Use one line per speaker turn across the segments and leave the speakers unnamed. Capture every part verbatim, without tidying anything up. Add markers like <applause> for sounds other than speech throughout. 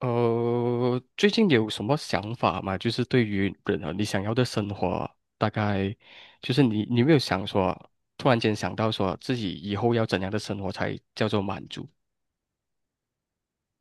呃，最近有什么想法吗？就是对于人啊，你想要的生活，大概就是你，你有没有想说，突然间想到说自己以后要怎样的生活才叫做满足？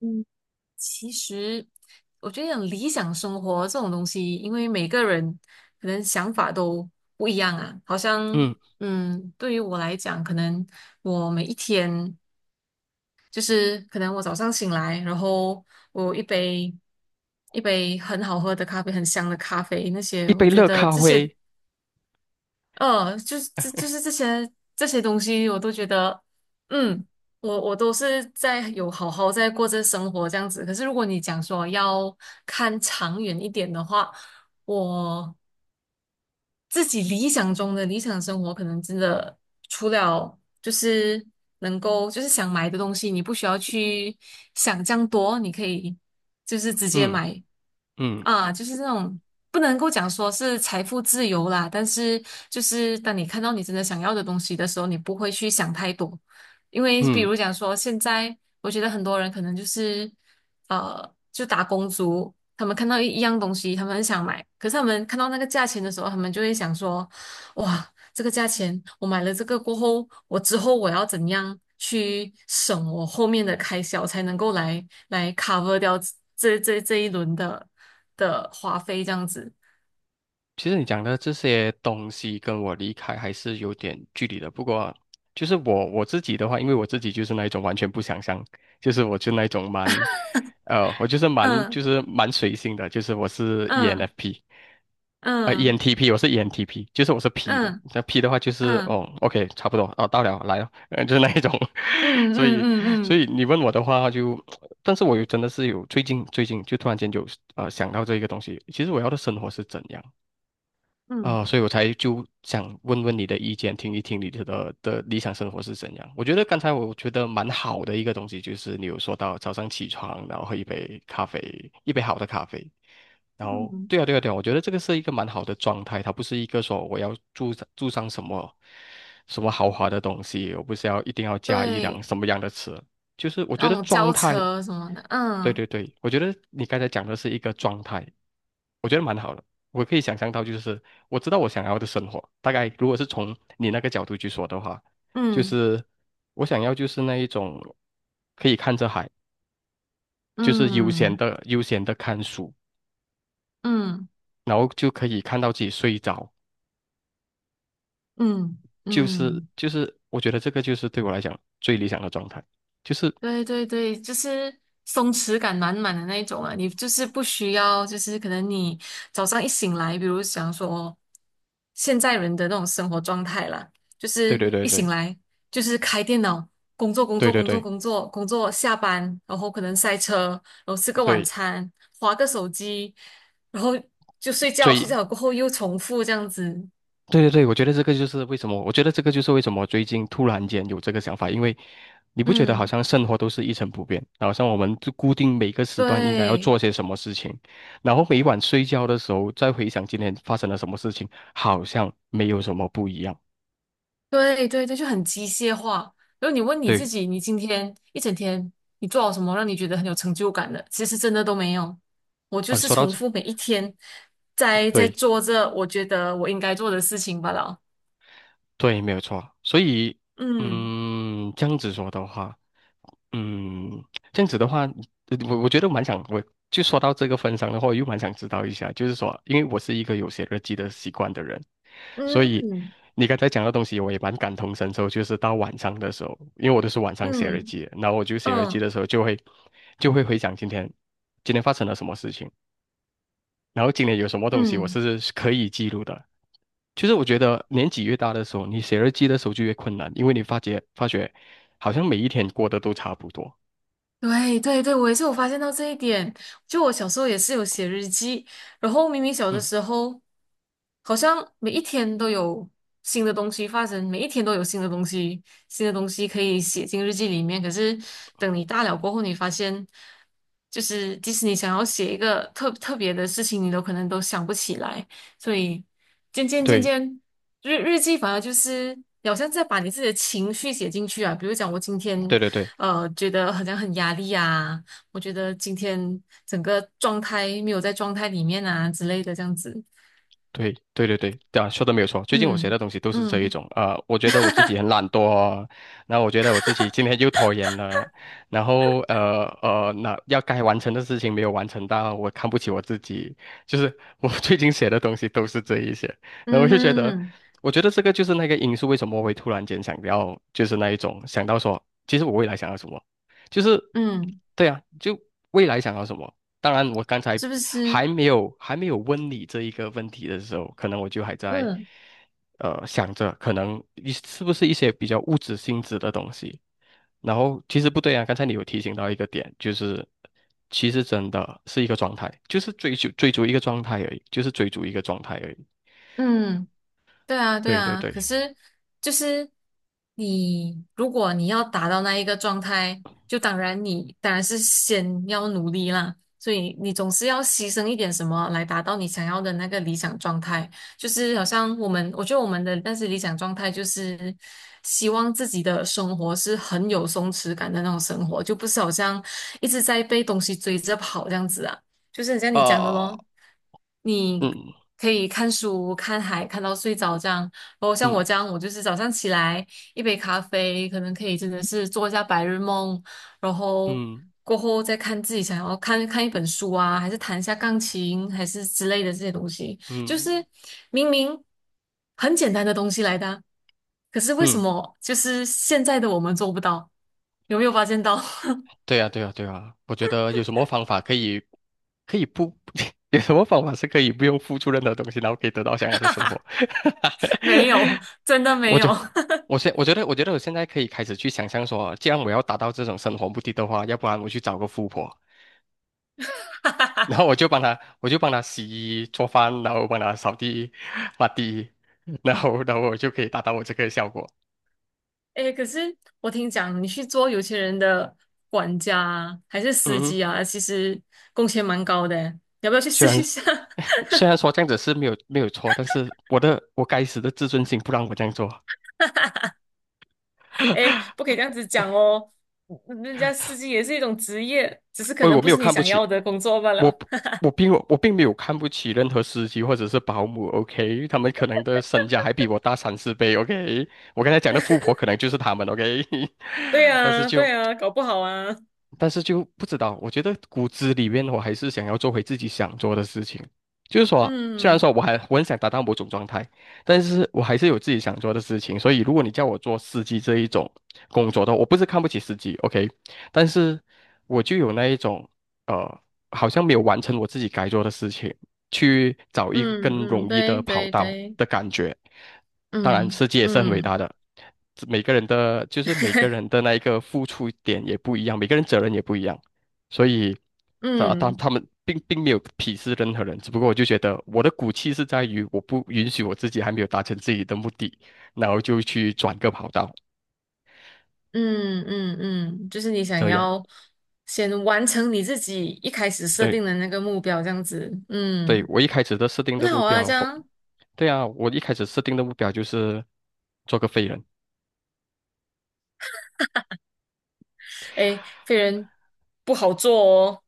嗯，其实我觉得讲理想生活这种东西，因为每个人可能想法都不一样啊。好像，
嗯，
嗯，对于我来讲，可能我每一天就是可能我早上醒来，然后我有一杯一杯很好喝的咖啡，很香的咖啡，那些
一
我
杯
觉
热
得
咖
这些
啡，
呃，就是这就是这些这些东西，我都觉得，嗯，我我都是在有好好在过这生活这样子。可是如果你讲说要看长远一点的话，我自己理想中的理想生活，可能真的除了就是能够就是想买的东西，你不需要去想这样多，你可以就是直接
嗯
买，
嗯
啊，就是这种不能够讲说是财富自由啦，但是就是当你看到你真的想要的东西的时候，你不会去想太多，因为比
嗯。
如讲说现在，我觉得很多人可能就是呃，就打工族，他们看到一一样东西，他们很想买，可是他们看到那个价钱的时候，他们就会想说，哇。这个价钱，我买了这个过后，我之后我要怎样去省我后面的开销，才能够来来 cover 掉这这这一轮的的花费，这样子。
其实你讲的这些东西跟我离开还是有点距离的。不过，就是我我自己的话，因为我自己就是那一种完全不想象，就是我就那一种蛮，呃，我就是蛮就
嗯
是蛮随性的，就是我是
嗯
E N F P，呃
嗯
，ENTP，我是 ENTP，就是我是 P 嘛。
嗯
那 P 的话就是
嗯
哦，OK，差不多哦，到了来了，呃，就是那一种。<laughs>
嗯
所
嗯
以，
嗯
所
嗯
以你问我的话就，但是我有真的是有最近最近就突然间有呃想到这一个东西，其实我要的生活是怎样？啊、
嗯
所以我才就想问问你的意见，听一听你的的理想生活是怎样。我觉得刚才我觉得蛮好的一个东西，就是你有说到早上起床，然后喝一杯咖啡，一杯好的咖啡。然后，
嗯，
对啊，对啊，对啊，我觉得这个是一个蛮好的状态，它不是一个说我要住上住上什么什么豪华的东西，我不是要一定要加一辆
对，
什么样的车，就是我觉
那
得
种
状
轿
态，
车什么的，
对对
嗯
对，我觉得你刚才讲的是一个状态，我觉得蛮好的。我可以想象到，就是我知道我想要的生活，大概如果是从你那个角度去说的话，就
嗯
是我想要就是那一种可以看着海，就是悠闲
嗯
的悠闲的看书，
嗯
然后就可以看到自己睡着，
嗯嗯。
就是
嗯
就是我觉得这个就是对我来讲最理想的状态，就是
对对对，就是松弛感满满的那一种啊，你就是不需要，就是可能你早上一醒来，比如想说现在人的那种生活状态啦，就
对
是
对对
一醒
对
来就是开电脑工作工
对
作
对
工
对
作
对，
工作工作，下班然后可能塞车，然后吃个晚餐，划个手机，然后就睡觉，睡
最
觉过后又重复这样子，
对对对，我觉得这个就是为什么，我觉得这个就是为什么最近突然间有这个想法，因为你不觉得好
嗯，
像生活都是一成不变，好像我们就固定每个时段应该要
对。
做些什么事情，然后每晚睡觉的时候再回想今天发生了什么事情，好像没有什么不一样。
对对对，就很机械化。然后你问你自
对，
己，你今天一整天你做了什么让你觉得很有成就感的？其实真的都没有。我就
哦，你
是
说到
重
这，
复每一天在在
对
做着我觉得我应该做的事情罢了。
对，没有错。所以，
嗯
嗯，这样子说的话。嗯，这样子的话，呃我我觉得蛮想，我就说到这个份上的话，我又蛮想知道一下，就是说，因为我是一个有写日记的习惯的人，所以
嗯
你刚才讲的东西，我也蛮感同身受。就是到晚上的时候，因为我都是晚上写日
嗯
记的然后我就写日记
嗯
的时候就会就会回想今天今天发生了什么事情，然后今天有什么东西我
嗯。
是可以记录的。就是我觉得年纪越大的时候，你写日记的时候就越困难，因为你发觉发觉好像每一天过得都差不多。
对对对，我也是有发现到这一点。就我小时候也是有写日记，然后明明小的
嗯。
时候，好像每一天都有新的东西发生，每一天都有新的东西，新的东西可以写进日记里面。可是等你大了过后，你发现，就是即使你想要写一个特特别的事情，你都可能都想不起来。所以渐渐渐
对
渐，日日记反而就是好像在把你自己的情绪写进去啊。比如讲，我今天。
对对对
呃，觉得好像很压力啊，我觉得今天整个状态没有在状态里面啊之类的这样子，
对对对对，对啊，说的没有错。最近我写
嗯
的东西都是这一
嗯
种，呃，我觉得我自己很懒惰哦，那我觉得我自己今天又拖延了，然后呃呃，那要该完成的事情没有完成到，我看不起我自己，就是我 <laughs> 最近写的东西都是这一些，然后我就觉得，
嗯
我觉得这个就是那个因素，为什么我会突然间想要，就是那一种想到说，其实我未来想要什么，就是
嗯，
对啊，就未来想要什么。当然，我刚才
是不是？
还没有还没有问你这一个问题的时候，可能我就还在
嗯
呃想着，可能一是不是一些比较物质性质的东西。然后其实不对啊，刚才你有提醒到一个点，就是其实真的是一个状态，就是追求追逐一个状态而已，就是追逐一个状态而已。
嗯。对啊，对
对对
啊，
对，
可是就是你，如果你要达到那一个状态，就当然你当然是先要努力啦，所以你总是要牺牲一点什么来达到你想要的那个理想状态。就是好像我们，我觉得我们的但是理想状态就是希望自己的生活是很有松弛感的那种生活，就不是好像一直在被东西追着跑这样子啊。就是很像你讲的
啊，
咯，你可以看书、看海，看到睡着这样。然后像我
嗯
这样，我就是早上起来一杯咖啡，可能可以真的是做一下白日梦，然后
嗯
过后再看自己想要看看一本书啊，还是弹一下钢琴，还是之类的这些东西。
嗯
就
嗯嗯
是明明很简单的东西来的啊可是为什
嗯。
么就是现在的我们做不到？有没有发现到？<laughs>
对呀，对呀，对呀，我觉得有什么方法可以，可以不，<laughs> 有什么方法是可以不用付出任何东西，然后可以得到想要的生活？
没有，真的
<laughs> 我
没有。
觉，我现，我觉得，我觉得我现在可以开始去想象说，既然我要达到这种生活目的的话，要不然我去找个富婆，然后我就帮她，我就帮她洗衣做饭，然后帮她扫地、抹地，然后，然后我就可以达到我这个效果。
哎，可是我听讲，你去做有钱人的管家啊还是司
嗯，
机啊，其实工钱蛮高的，你要不要去
虽
试
然
一下？<laughs>
虽然说这样子是没有没有错，但是我的我该死的自尊心不让我这样做。
哎，不可
<laughs>
以这样子讲哦，嗯人家司机也是一种职业，只是可
我我
能不
没有
是你
看不
想要
起，
的工作罢
我
了。
不我并我并没有看不起任何司机或者是保姆，OK，他们可能的身价还比我大三四倍，OK，我刚才讲的富婆可能就是他们，OK，
对
<laughs> 但是
啊，
就
对呀，搞不好啊。
但是就不知道，我觉得骨子里面我还是想要做回自己想做的事情。就是说，虽然
嗯
说我还我很想达到某种状态，但是我还是有自己想做的事情。所以，如果你叫我做司机这一种工作的话，我不是看不起司机，OK，但是我就有那一种。呃。好像没有完成我自己该做的事情，去找一个
嗯
更容
嗯，
易的
对
跑
对
道
对，
的感觉。当然，
嗯
世界也是很伟
嗯
大的，每个人的就是每个人
<laughs>
的那一个付出点也不一样，每个人责任也不一样，所以他他
嗯。
他们并并没有鄙视任何人，只不过我就觉得我的骨气是在于我不允许我自己还没有达成自己的目的，然后就去转个跑道，
嗯嗯嗯，就是你想
这样。
要先完成你自己一开始设
对
定的那个目标，这样子。
对，
嗯，
我一开始的设定的
那
目
好啊，
标，
这样，
对啊，我一开始设定的目标就是。做个废人。
哎，飞人不好做哦，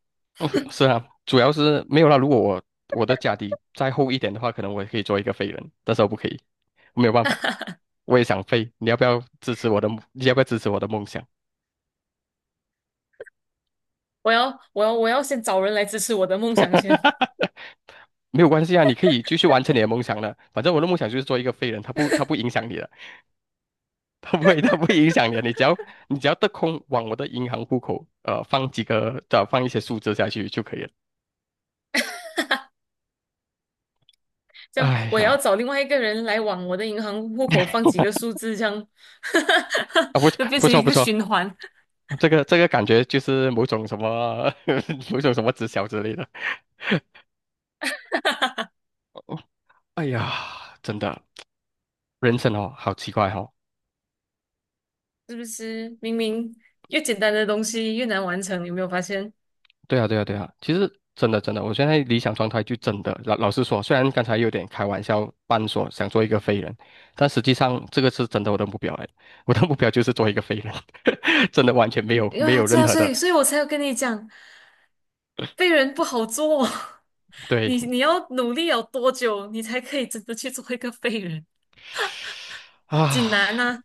是啊，主要是没有啦。如果我我的家底再厚一点的话，可能我也可以做一个废人，但是我不可以，没有办法。我也想飞，你要不要支持我的？你要不要支持我的梦想？
我要我要我要先找人来支持我的梦想先，
<laughs> 没有关系啊，你可以继续完成你的梦想的。反正我的梦想就是做一个废人，他不他不影响你的，<laughs> 他不会他不会影响你的。你只要你只要得空往我的银行户口呃放几个，呃放一些数字下去就可以了。
<laughs> 这样
哎
我也要
呀，
找另外一个人来往我的银行户口放几个数字，这样，
啊不
<laughs> 就变
不
成
错
一
不
个
错，
循环，
这个这个感觉就是某种什么 <laughs> 某种什么直销之类的。哦，哎呀，真的，人生哦，好奇怪哦。
是不是？明明越简单的东西越难完成，有没有发现？
对啊，对啊，对啊，其实真的真的，我现在理想状态就真的老老实说，虽然刚才有点开玩笑，半说想做一个废人，但实际上这个是真的我的目标哎，我的目标就是做一个废人，<laughs> 真的完全没
因
有
为
没
啊，
有
对
任
啊，
何
所
的
以所以我才有跟你讲，被人不好做哦。<laughs> 你
对
你要努力有多久，你才可以真的去做一个废人？<laughs> 锦南
啊。
呢？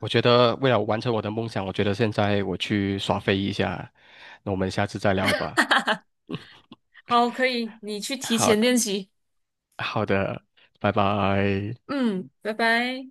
我觉得为了完成我的梦想，我觉得现在我去耍飞一下，那我们下次再聊吧。
好，可以，你去提
好
前练习。
好的，拜拜。
嗯，拜拜。